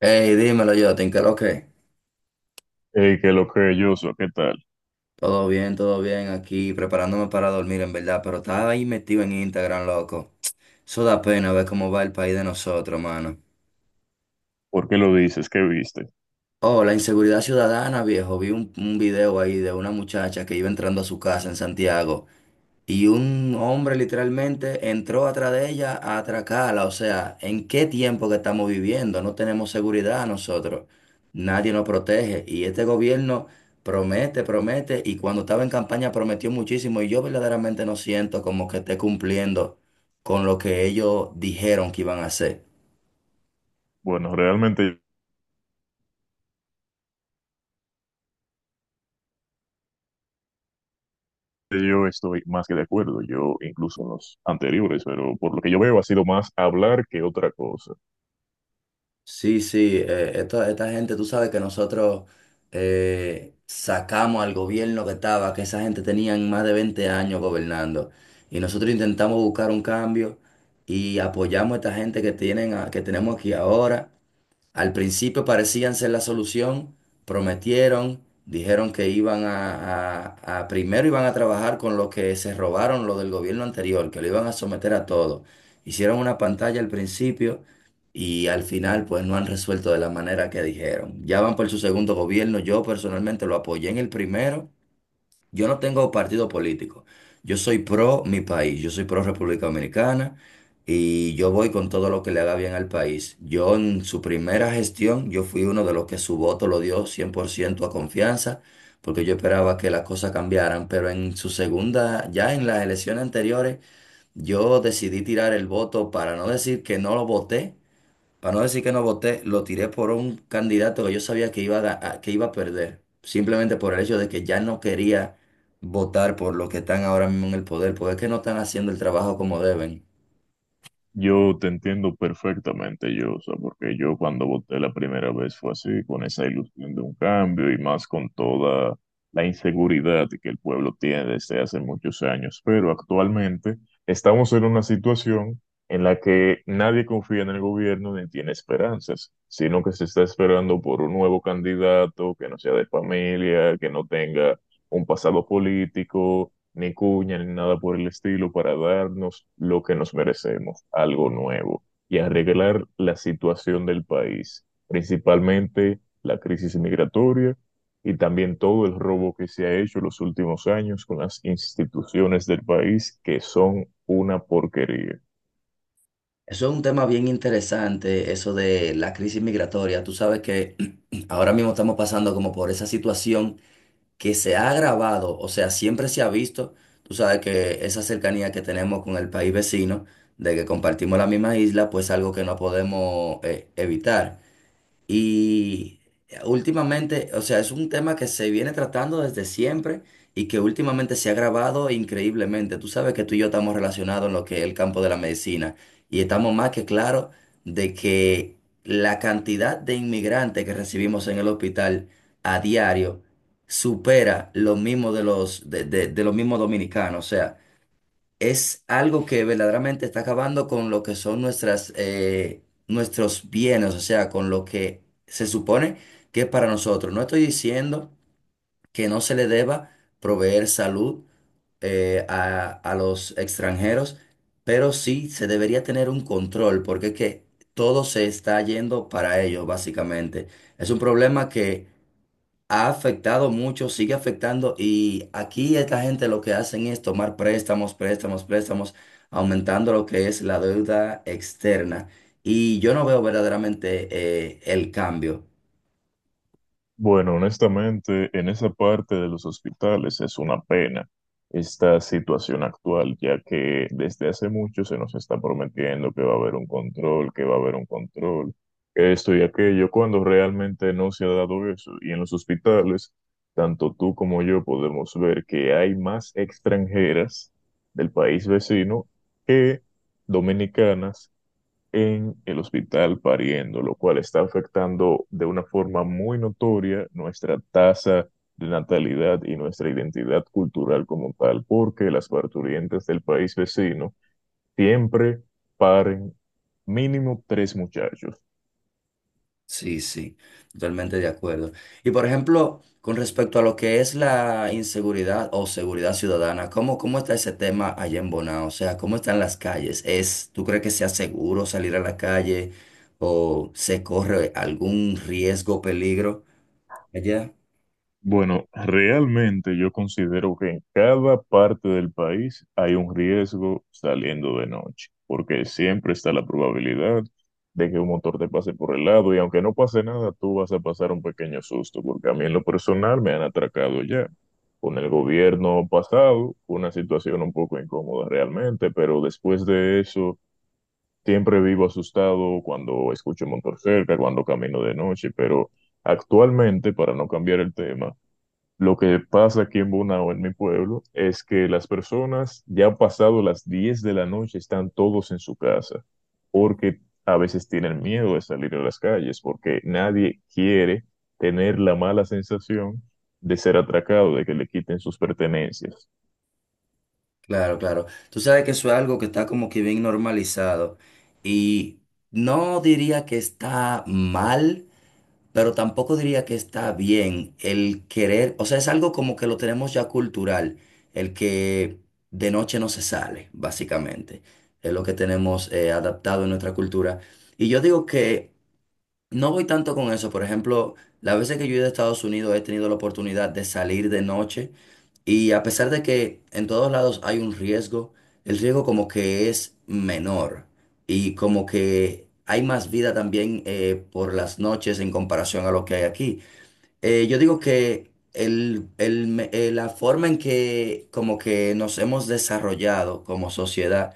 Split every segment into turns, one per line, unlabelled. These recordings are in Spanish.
Hey, dímelo yo, ¿te lo ok?
Que lo que yo soy, ¿qué tal?
Todo bien aquí, preparándome para dormir en verdad, pero estaba ahí metido en Instagram, loco. Eso da pena ver cómo va el país de nosotros, mano.
¿Por qué lo dices? ¿Qué viste?
Oh, la inseguridad ciudadana, viejo. Vi un video ahí de una muchacha que iba entrando a su casa en Santiago. Y un hombre literalmente entró atrás de ella a atracarla. O sea, ¿en qué tiempo que estamos viviendo? No tenemos seguridad nosotros. Nadie nos protege. Y este gobierno promete, promete. Y cuando estaba en campaña prometió muchísimo. Y yo verdaderamente no siento como que esté cumpliendo con lo que ellos dijeron que iban a hacer.
Bueno, realmente yo estoy más que de acuerdo, yo incluso en los anteriores, pero por lo que yo veo ha sido más hablar que otra cosa.
Sí, sí, esta gente, tú sabes que nosotros sacamos al gobierno que estaba, que esa gente tenían más de 20 años gobernando. Y nosotros intentamos buscar un cambio y apoyamos a esta gente que tienen, que tenemos aquí ahora. Al principio parecían ser la solución, prometieron, dijeron que iban a, primero iban a trabajar con lo que se robaron lo del gobierno anterior, que lo iban a someter a todo. Hicieron una pantalla al principio y al final pues no han resuelto de la manera que dijeron. Ya van por su segundo gobierno, yo personalmente lo apoyé en el primero. Yo no tengo partido político. Yo soy pro mi país, yo soy pro República Dominicana y yo voy con todo lo que le haga bien al país. Yo en su primera gestión, yo fui uno de los que su voto lo dio 100% a confianza, porque yo esperaba que las cosas cambiaran, pero en su segunda, ya en las elecciones anteriores, yo decidí tirar el voto para no decir que no lo voté, para no decir que no voté, lo tiré por un candidato que yo sabía que iba a que iba a perder, simplemente por el hecho de que ya no quería votar por los que están ahora mismo en el poder, porque es que no están haciendo el trabajo como deben.
Yo te entiendo perfectamente, yo, o sea, porque yo cuando voté la primera vez fue así, con esa ilusión de un cambio y más con toda la inseguridad que el pueblo tiene desde hace muchos años. Pero actualmente estamos en una situación en la que nadie confía en el gobierno ni tiene esperanzas, sino que se está esperando por un nuevo candidato que no sea de familia, que no tenga un pasado político ni cuña, ni nada por el estilo para darnos lo que nos merecemos, algo nuevo, y arreglar la situación del país, principalmente la crisis migratoria y también todo el robo que se ha hecho en los últimos años con las instituciones del país, que son una porquería.
Eso es un tema bien interesante, eso de la crisis migratoria. Tú sabes que ahora mismo estamos pasando como por esa situación que se ha agravado, o sea, siempre se ha visto, tú sabes que esa cercanía que tenemos con el país vecino, de que compartimos la misma isla, pues algo que no podemos evitar. Y últimamente, o sea, es un tema que se viene tratando desde siempre y que últimamente se ha agravado increíblemente. Tú sabes que tú y yo estamos relacionados en lo que es el campo de la medicina y estamos más que claros de que la cantidad de inmigrantes que recibimos en el hospital a diario supera lo mismo de los mismos dominicanos. O sea, es algo que verdaderamente está acabando con lo que son nuestras, nuestros bienes, o sea, con lo que se supone que es para nosotros. No estoy diciendo que no se le deba proveer salud a los extranjeros, pero sí se debería tener un control, porque es que todo se está yendo para ellos, básicamente. Es un problema que ha afectado mucho, sigue afectando y aquí esta gente lo que hacen es tomar préstamos, préstamos, préstamos, aumentando lo que es la deuda externa. Y yo no veo verdaderamente el cambio.
Bueno, honestamente, en esa parte de los hospitales es una pena esta situación actual, ya que desde hace mucho se nos está prometiendo que va a haber un control, que va a haber un control, que esto y aquello, cuando realmente no se ha dado eso. Y en los hospitales, tanto tú como yo podemos ver que hay más extranjeras del país vecino que dominicanas en el hospital pariendo, lo cual está afectando de una forma muy notoria nuestra tasa de natalidad y nuestra identidad cultural como tal, porque las parturientes del país vecino siempre paren mínimo tres muchachos.
Sí, sí, totalmente de acuerdo. Y por ejemplo, con respecto a lo que es la inseguridad o seguridad ciudadana, ¿cómo está ese tema allá en Bonao? O sea, ¿cómo están las calles? ¿Es, tú crees que sea seguro salir a la calle o se corre algún riesgo, peligro? Allá,
Bueno, realmente yo considero que en cada parte del país hay un riesgo saliendo de noche, porque siempre está la probabilidad de que un motor te pase por el lado y aunque no pase nada, tú vas a pasar un pequeño susto, porque a mí en lo personal me han atracado ya. Con el gobierno pasado, fue una situación un poco incómoda realmente, pero después de eso, siempre vivo asustado cuando escucho un motor cerca, cuando camino de noche. Actualmente, para no cambiar el tema, lo que pasa aquí en Bonao, en mi pueblo, es que las personas ya pasado las 10 de la noche están todos en su casa, porque a veces tienen miedo de salir a las calles, porque nadie quiere tener la mala sensación de ser atracado, de que le quiten sus pertenencias.
claro, claro. Tú sabes que eso es algo que está como que bien normalizado y no diría que está mal, pero tampoco diría que está bien el querer, o sea, es algo como que lo tenemos ya cultural, el que de noche no se sale, básicamente, es lo que tenemos adaptado en nuestra cultura. Y yo digo que no voy tanto con eso. Por ejemplo, las veces que yo he ido a Estados Unidos he tenido la oportunidad de salir de noche y a pesar de que en todos lados hay un riesgo, el riesgo como que es menor y como que hay más vida también por las noches en comparación a lo que hay aquí. Yo digo que la forma en que como que nos hemos desarrollado como sociedad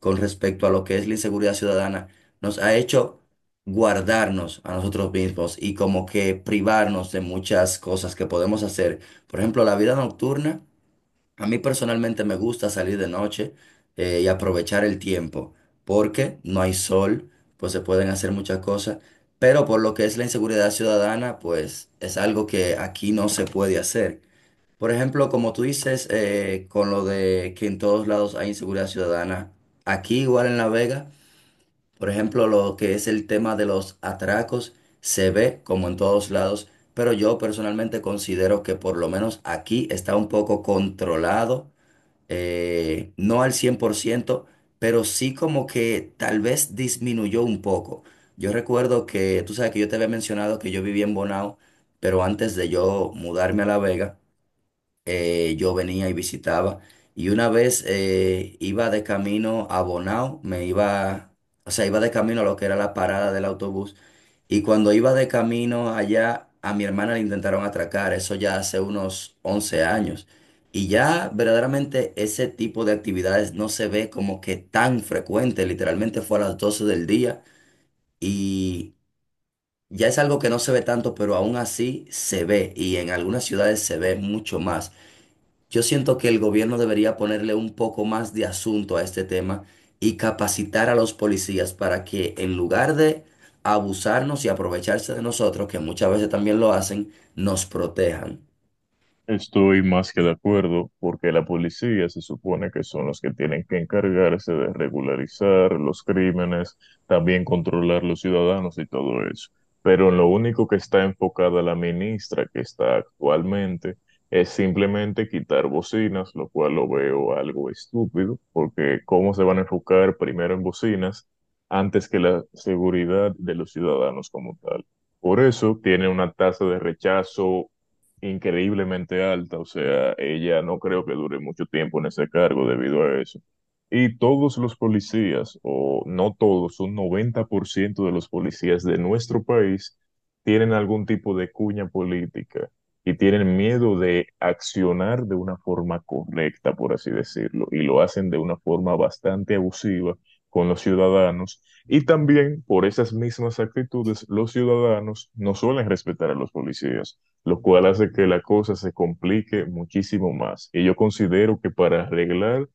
con respecto a lo que es la inseguridad ciudadana, nos ha hecho guardarnos a nosotros mismos y como que privarnos de muchas cosas que podemos hacer. Por ejemplo, la vida nocturna, a mí personalmente me gusta salir de noche y aprovechar el tiempo, porque no hay sol, pues se pueden hacer muchas cosas, pero por lo que es la inseguridad ciudadana, pues es algo que aquí no se puede hacer. Por ejemplo, como tú dices, con lo de que en todos lados hay inseguridad ciudadana, aquí igual en La Vega, por ejemplo, lo que es el tema de los atracos se ve como en todos lados, pero yo personalmente considero que por lo menos aquí está un poco controlado, no al 100%, pero sí como que tal vez disminuyó un poco. Yo recuerdo que, tú sabes que yo te había mencionado que yo vivía en Bonao, pero antes de yo mudarme a La Vega, yo venía y visitaba. Y una vez iba de camino a Bonao, me iba, o sea, iba de camino a lo que era la parada del autobús. Y cuando iba de camino allá, a mi hermana le intentaron atracar, eso ya hace unos 11 años. Y ya verdaderamente ese tipo de actividades no se ve como que tan frecuente, literalmente fue a las 12 del día y ya es algo que no se ve tanto, pero aún así se ve y en algunas ciudades se ve mucho más. Yo siento que el gobierno debería ponerle un poco más de asunto a este tema y capacitar a los policías para que en lugar de abusarnos y aprovecharse de nosotros, que muchas veces también lo hacen, nos protejan.
Estoy más que de acuerdo, porque la policía se supone que son los que tienen que encargarse de regularizar los crímenes, también controlar los ciudadanos y todo eso. Pero en lo único que está enfocada la ministra que está actualmente es simplemente quitar bocinas, lo cual lo veo algo estúpido, porque ¿cómo se van a enfocar primero en bocinas antes que la seguridad de los ciudadanos como tal? Por eso tiene una tasa de rechazo increíblemente alta, o sea, ella no creo que dure mucho tiempo en ese cargo debido a eso. Y todos los policías, o no todos, un 90% de los policías de nuestro país tienen algún tipo de cuña política y tienen miedo de accionar de una forma correcta, por así decirlo, y lo hacen de una forma bastante abusiva con los ciudadanos. Y también por esas mismas actitudes, los ciudadanos no suelen respetar a los policías lo cual hace que la cosa se complique muchísimo más. Y yo considero que para arreglar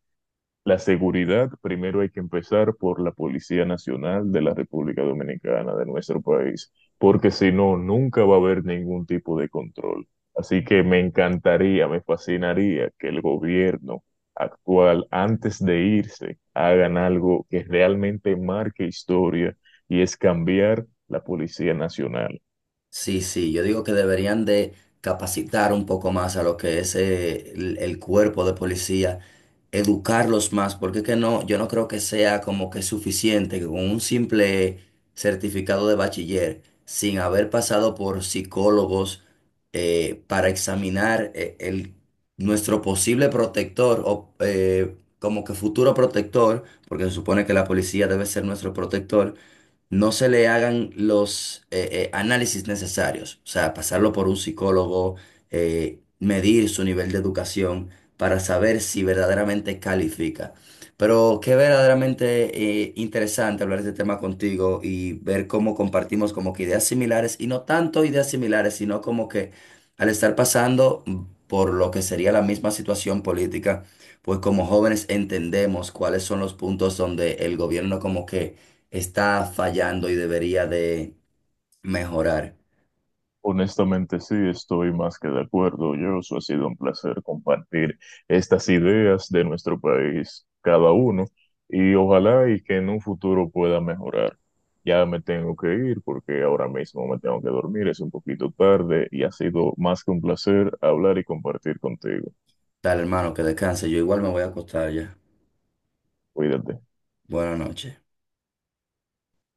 la seguridad, primero hay que empezar por la Policía Nacional de la República Dominicana, de nuestro país, porque si no, nunca va a haber ningún tipo de control. Así que me encantaría, me fascinaría que el gobierno actual, antes de irse, hagan algo que realmente marque historia y es cambiar la Policía Nacional.
Sí, sí, yo digo que deberían de capacitar un poco más a lo que es el cuerpo de policía, educarlos más, porque es que no, yo no creo que sea como que suficiente que con un simple certificado de bachiller, sin haber pasado por psicólogos para examinar nuestro posible protector o como que futuro protector, porque se supone que la policía debe ser nuestro protector, no se le hagan los análisis necesarios, o sea, pasarlo por un psicólogo, medir su nivel de educación para saber si verdaderamente califica. Pero qué verdaderamente interesante hablar de este tema contigo y ver cómo compartimos como que ideas similares y no tanto ideas similares, sino como que al estar pasando por lo que sería la misma situación política, pues como jóvenes entendemos cuáles son los puntos donde el gobierno como que está fallando y debería de mejorar.
Honestamente, sí, estoy más que de acuerdo. Yo, ha sido un placer compartir estas ideas de nuestro país, cada uno, y ojalá y que en un futuro pueda mejorar. Ya me tengo que ir porque ahora mismo me tengo que dormir, es un poquito tarde y ha sido más que un placer hablar y compartir contigo.
Dale, hermano, que descanse. Yo igual me voy a acostar ya.
Cuídate.
Buenas noches.